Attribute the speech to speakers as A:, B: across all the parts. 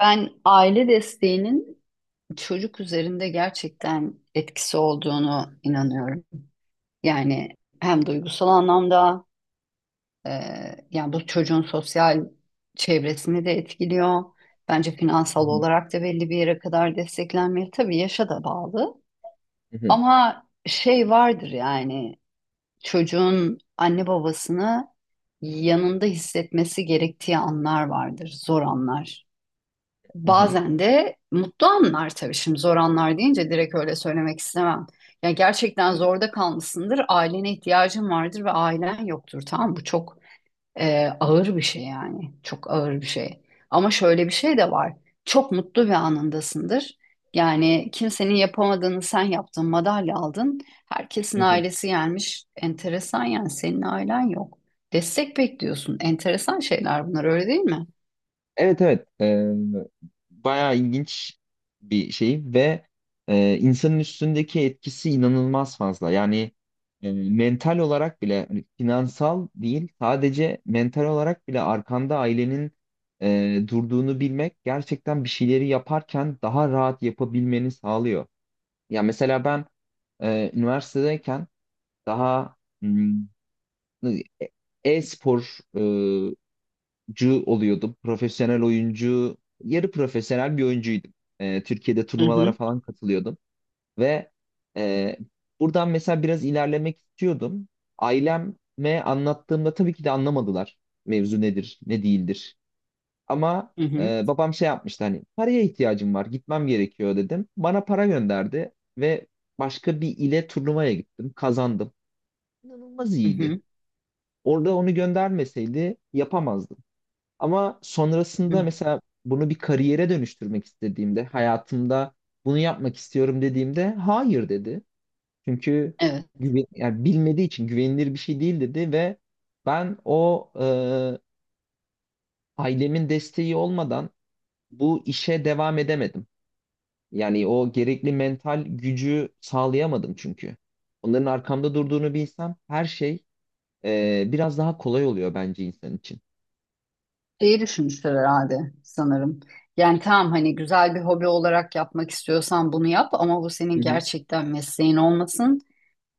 A: Ben aile desteğinin çocuk üzerinde gerçekten etkisi olduğunu inanıyorum. Yani hem duygusal anlamda e, yani bu çocuğun sosyal çevresini de etkiliyor. Bence
B: Hı
A: finansal
B: hı,
A: olarak da belli bir yere kadar desteklenmeli. Tabii yaşa da bağlı.
B: hı hı,
A: Ama şey vardır yani çocuğun anne babasını yanında hissetmesi gerektiği anlar vardır, zor anlar.
B: hı hı,
A: Bazen de mutlu anlar tabii şimdi zor anlar deyince direkt öyle söylemek istemem. Ya gerçekten zorda kalmışsındır, ailene ihtiyacın vardır ve ailen yoktur tamam mı? Bu çok ağır bir şey yani çok ağır bir şey. Ama şöyle bir şey de var. Çok mutlu bir anındasındır. Yani kimsenin yapamadığını sen yaptın, madalya aldın. Herkesin
B: hı hı.
A: ailesi gelmiş. Enteresan yani senin ailen yok. Destek bekliyorsun. Enteresan şeyler bunlar öyle değil mi?
B: Evet evet. Bayağı ilginç bir şey ve insanın üstündeki etkisi inanılmaz fazla. Yani mental olarak bile, hani finansal değil sadece mental olarak bile arkanda ailenin durduğunu bilmek gerçekten bir şeyleri yaparken daha rahat yapabilmeni sağlıyor. Ya mesela ben üniversitedeyken daha hmm, e- e-spor oyuncu oluyordum. Profesyonel oyuncu, yarı profesyonel bir oyuncuydum. Türkiye'de
A: Hı
B: turnuvalara
A: hı,
B: falan katılıyordum ve e, buradan mesela biraz ilerlemek istiyordum. Aileme anlattığımda tabii ki de anlamadılar mevzu nedir, ne değildir. Ama
A: hı hı,
B: babam şey yapmıştı, hani paraya ihtiyacım var, gitmem gerekiyor dedim. Bana para gönderdi ve başka bir ile turnuvaya gittim, kazandım. İnanılmaz
A: hı
B: iyiydi.
A: hı.
B: Orada onu göndermeseydi yapamazdım. Ama
A: Hı
B: sonrasında
A: hı.
B: mesela bunu bir kariyere dönüştürmek istediğimde, hayatımda bunu yapmak istiyorum dediğimde hayır dedi. Çünkü
A: Evet,
B: güven, yani bilmediği için güvenilir bir şey değil dedi ve ben o ailemin desteği olmadan bu işe devam edemedim. Yani o gerekli mental gücü sağlayamadım çünkü. Onların arkamda durduğunu bilsem her şey biraz daha kolay oluyor bence insan için.
A: şeyi düşünmüşler herhalde sanırım. Yani tamam hani güzel bir hobi olarak yapmak istiyorsan bunu yap ama bu
B: Hı
A: senin
B: hı,
A: gerçekten mesleğin olmasın.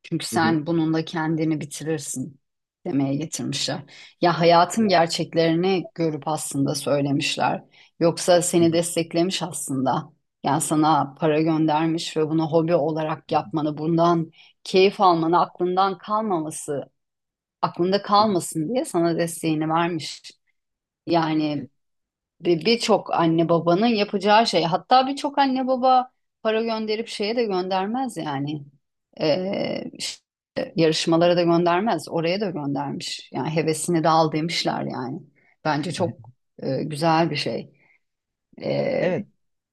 A: Çünkü
B: hı hı.
A: sen bununla kendini bitirirsin demeye getirmişler. Ya hayatın
B: Evet.
A: gerçeklerini görüp aslında söylemişler. Yoksa
B: Hı
A: seni
B: hı,
A: desteklemiş aslında. Yani sana para göndermiş ve bunu hobi olarak
B: hı hı,
A: yapmanı, bundan keyif almanı, aklından kalmaması, aklında
B: hı hı.
A: kalmasın diye sana desteğini vermiş.
B: Evet.
A: Yani birçok anne babanın yapacağı şey. Hatta birçok anne baba para gönderip şeye de göndermez yani. İşte yarışmalara da göndermez. Oraya da göndermiş. Yani hevesini de al demişler yani. Bence çok güzel bir şey. Ee,
B: Evet,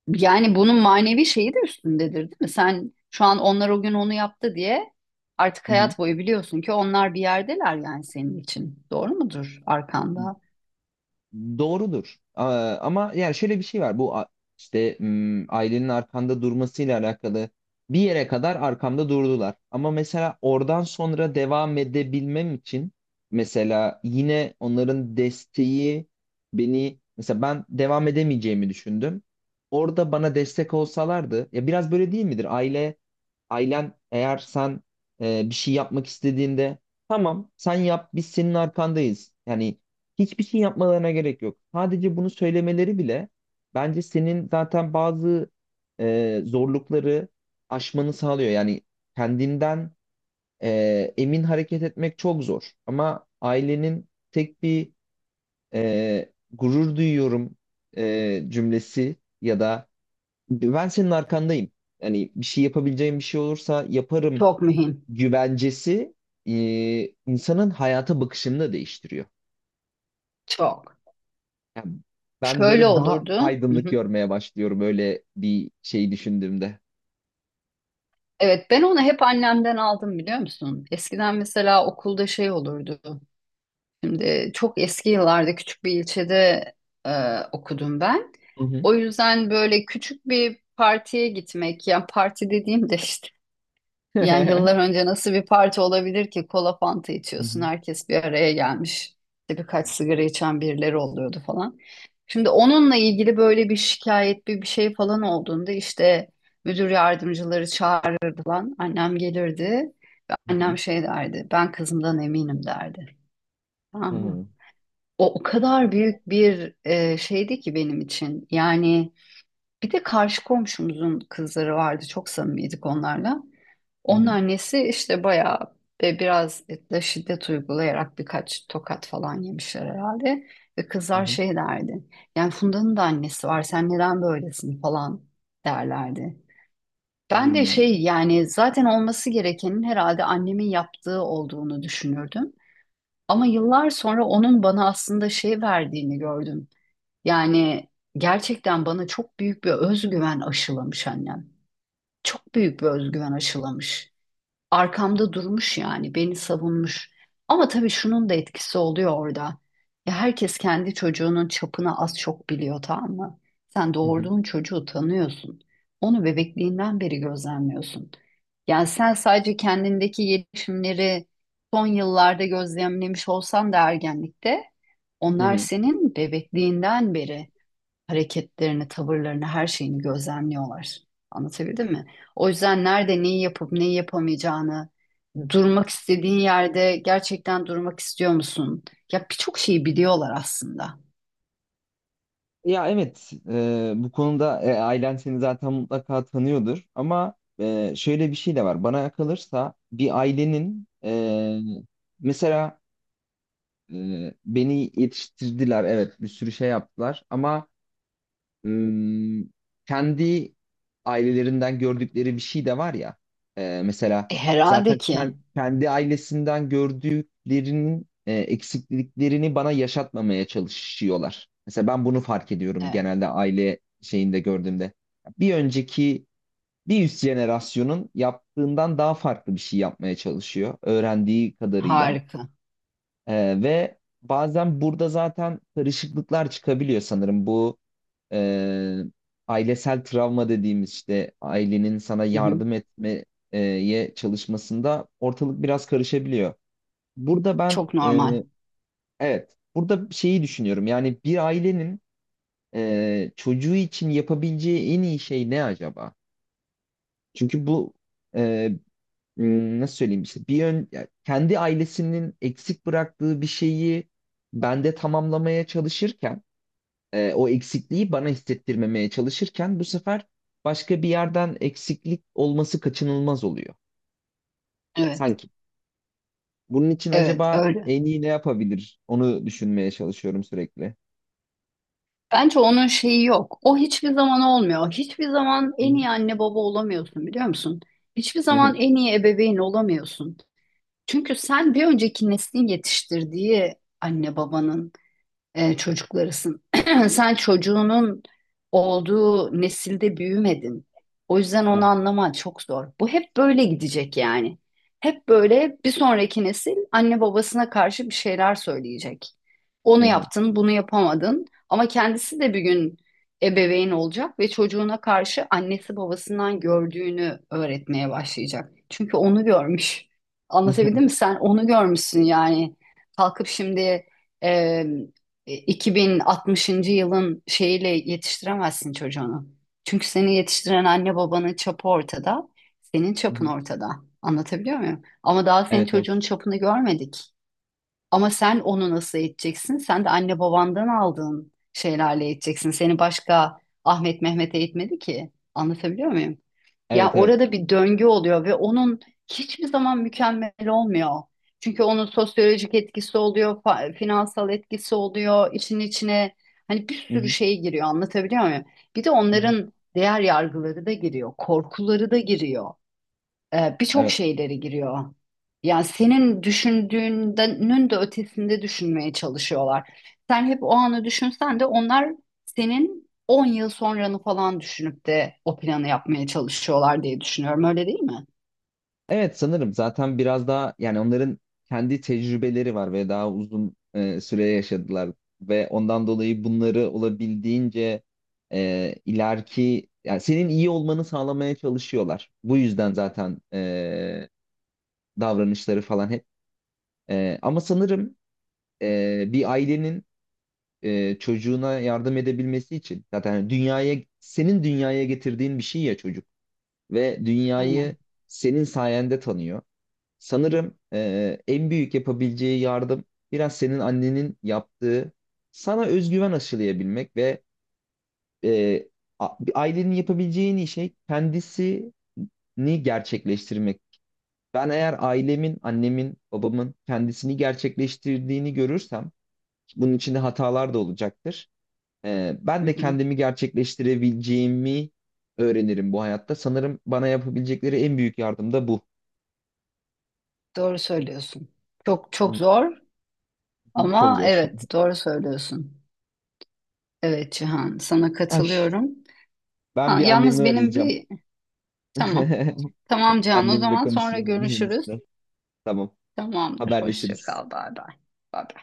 A: yani bunun manevi şeyi de üstündedir değil mi? Sen şu an onlar o gün onu yaptı diye artık
B: hı hı.
A: hayat boyu biliyorsun ki onlar bir yerdeler yani senin için. Doğru mudur arkanda?
B: Doğrudur. Aa, ama yani şöyle bir şey var. İşte ailenin arkanda durmasıyla alakalı bir yere kadar arkamda durdular. Ama mesela oradan sonra devam edebilmem için mesela yine onların desteği, beni mesela, ben devam edemeyeceğimi düşündüm. Orada bana destek olsalardı ya, biraz böyle değil midir? Ailen eğer sen bir şey yapmak istediğinde tamam sen yap, biz senin arkandayız. Yani hiçbir şey yapmalarına gerek yok. Sadece bunu söylemeleri bile bence senin zaten bazı zorlukları aşmanı sağlıyor. Yani kendinden emin hareket etmek çok zor. Ama ailenin tek bir gurur duyuyorum cümlesi ya da ben senin arkandayım, yani bir şey yapabileceğim bir şey olursa yaparım
A: Çok mühim.
B: güvencesi e, insanın hayata bakışını da değiştiriyor.
A: Çok.
B: Yani ben
A: Şöyle
B: böyle daha
A: olurdu. Hı
B: aydınlık
A: hı.
B: görmeye başlıyorum öyle bir şey düşündüğümde.
A: Evet ben onu hep annemden aldım biliyor musun? Eskiden mesela okulda şey olurdu. Şimdi çok eski yıllarda küçük bir ilçede okudum ben.
B: Hı hı.
A: O yüzden böyle küçük bir partiye gitmek, yani parti dediğim de işte yani yıllar önce nasıl bir parti olabilir ki kola fanta
B: Hı
A: içiyorsun
B: hı.
A: herkes bir araya gelmiş. İşte birkaç sigara içen birileri oluyordu falan. Şimdi onunla ilgili böyle bir şikayet bir şey falan olduğunda işte müdür yardımcıları çağırırdı lan. Annem gelirdi ve
B: Hı hı.
A: annem şey derdi ben kızımdan eminim derdi.
B: Hı
A: Tamam mı?
B: hı.
A: O kadar büyük bir şeydi ki benim için. Yani bir de karşı komşumuzun kızları vardı çok samimiydik onlarla. Onun annesi işte bayağı ve biraz da şiddet uygulayarak birkaç tokat falan yemişler herhalde. Ve
B: Hı
A: kızlar
B: hı.
A: şey derdi. Yani Funda'nın da annesi var. Sen neden böylesin falan derlerdi. Ben de
B: Hmm.
A: şey yani zaten olması gerekenin herhalde annemin yaptığı olduğunu düşünürdüm. Ama yıllar sonra onun bana aslında şey verdiğini gördüm. Yani gerçekten bana çok büyük bir özgüven aşılamış annem. Çok büyük bir özgüven aşılamış arkamda durmuş yani beni savunmuş. Ama tabii şunun da etkisi oluyor orada. Ya herkes kendi çocuğunun çapını az çok biliyor tamam mı? Sen
B: Hı hı.
A: doğurduğun çocuğu tanıyorsun. Onu bebekliğinden beri gözlemliyorsun. Yani sen sadece kendindeki gelişimleri son yıllarda gözlemlemiş olsan da ergenlikte
B: Hı
A: onlar
B: hı.
A: senin bebekliğinden beri hareketlerini, tavırlarını, her şeyini gözlemliyorlar. Anlatabildim mi? O yüzden nerede neyi yapıp neyi yapamayacağını, durmak istediğin yerde gerçekten durmak istiyor musun? Ya birçok şeyi biliyorlar aslında.
B: Ya evet, bu konuda ailen seni zaten mutlaka tanıyordur, ama şöyle bir şey de var. Bana kalırsa bir ailenin mesela beni yetiştirdiler, evet bir sürü şey yaptılar, ama ım, kendi ailelerinden gördükleri bir şey de var ya. Mesela
A: E, herhalde
B: zaten
A: ki.
B: kendi ailesinden gördüklerinin eksikliklerini bana yaşatmamaya çalışıyorlar. Mesela ben bunu fark ediyorum
A: Evet,
B: genelde aile şeyinde gördüğümde. Bir önceki Bir üst jenerasyonun yaptığından daha farklı bir şey yapmaya çalışıyor öğrendiği kadarıyla.
A: harika.
B: Ve bazen burada zaten karışıklıklar çıkabiliyor sanırım. Bu e, ailesel travma dediğimiz, işte ailenin sana
A: Hı hı.
B: yardım etmeye çalışmasında ortalık biraz karışabiliyor. Burada ben
A: Çok
B: e,
A: normal.
B: evet, burada şeyi düşünüyorum, yani bir ailenin çocuğu için yapabileceği en iyi şey ne acaba? Çünkü bu e, nasıl söyleyeyim, işte bir yön, ya kendi ailesinin eksik bıraktığı bir şeyi bende tamamlamaya çalışırken o eksikliği bana hissettirmemeye çalışırken bu sefer başka bir yerden eksiklik olması kaçınılmaz oluyor
A: Evet,
B: sanki. Bunun için
A: evet
B: acaba
A: öyle.
B: en iyi ne yapabilir? Onu düşünmeye çalışıyorum sürekli.
A: Bence onun şeyi yok. O hiçbir zaman olmuyor. Hiçbir zaman
B: Hı
A: en
B: hı.
A: iyi anne baba olamıyorsun biliyor musun? Hiçbir
B: Hı hı.
A: zaman en iyi ebeveyn olamıyorsun. Çünkü sen bir önceki neslin yetiştirdiği anne babanın çocuklarısın. Sen çocuğunun olduğu nesilde büyümedin. O yüzden onu anlaman çok zor. Bu hep böyle gidecek yani. Hep böyle bir sonraki nesil anne babasına karşı bir şeyler söyleyecek.
B: Hı
A: Onu
B: hı.
A: yaptın, bunu yapamadın. Ama kendisi de bir gün ebeveyn olacak ve çocuğuna karşı annesi babasından gördüğünü öğretmeye başlayacak. Çünkü onu görmüş.
B: Hı hı.
A: Anlatabildim mi? Sen onu görmüşsün yani. Kalkıp şimdi 2060. yılın şeyiyle yetiştiremezsin çocuğunu. Çünkü seni yetiştiren anne babanın çapı ortada, senin
B: Hı hı.
A: çapın ortada. Anlatabiliyor muyum? Ama daha senin
B: Evet
A: çocuğun
B: evet.
A: çapını görmedik. Ama sen onu nasıl eğiteceksin? Sen de anne babandan aldığın şeylerle eğiteceksin. Seni başka Ahmet Mehmet eğitmedi ki. Anlatabiliyor muyum? Ya
B: Evet evet.
A: orada bir döngü oluyor ve onun hiçbir zaman mükemmel olmuyor. Çünkü onun sosyolojik etkisi oluyor, finansal etkisi oluyor, işin içine hani bir
B: Hı
A: sürü
B: hı.
A: şey giriyor anlatabiliyor muyum? Bir de
B: Hı hı.
A: onların değer yargıları da giriyor, korkuları da giriyor birçok
B: Evet.
A: şeyleri giriyor. Yani senin düşündüğünün de ötesinde düşünmeye çalışıyorlar. Sen hep o anı düşünsen de onlar senin 10 yıl sonranı falan düşünüp de o planı yapmaya çalışıyorlar diye düşünüyorum. Öyle değil mi?
B: Evet, sanırım zaten biraz daha yani onların kendi tecrübeleri var ve daha uzun süre yaşadılar ve ondan dolayı bunları olabildiğince ileriki, yani senin iyi olmanı sağlamaya çalışıyorlar. Bu yüzden zaten davranışları falan hep. Ama sanırım bir ailenin çocuğuna yardım edebilmesi için, zaten dünyaya senin dünyaya getirdiğin bir şey ya çocuk ve dünyayı
A: Aynen.
B: senin sayende tanıyor. Sanırım en büyük yapabileceği yardım biraz senin annenin yaptığı, sana özgüven aşılayabilmek ve e, ailenin yapabileceği en iyi şey kendisini gerçekleştirmek. Ben eğer ailemin, annemin, babamın kendisini gerçekleştirdiğini görürsem, bunun içinde hatalar da olacaktır.
A: Hı
B: Ben de
A: hı.
B: kendimi gerçekleştirebileceğimi öğrenirim bu hayatta. Sanırım bana yapabilecekleri en büyük yardım da bu.
A: Doğru söylüyorsun. Çok çok
B: Hı
A: zor
B: hı. Çok
A: ama
B: zor.
A: evet doğru söylüyorsun. Evet Cihan sana
B: Ay.
A: katılıyorum.
B: Ben
A: Ha,
B: bir annemi
A: yalnız benim
B: arayacağım.
A: bir tamam. Tamam Cihan o
B: Annemle
A: zaman sonra
B: konuşayım bunun.
A: görüşürüz.
B: Tamam.
A: Tamamdır. Hoşça
B: Haberleşiriz.
A: kal. Bay bay. Bay bay.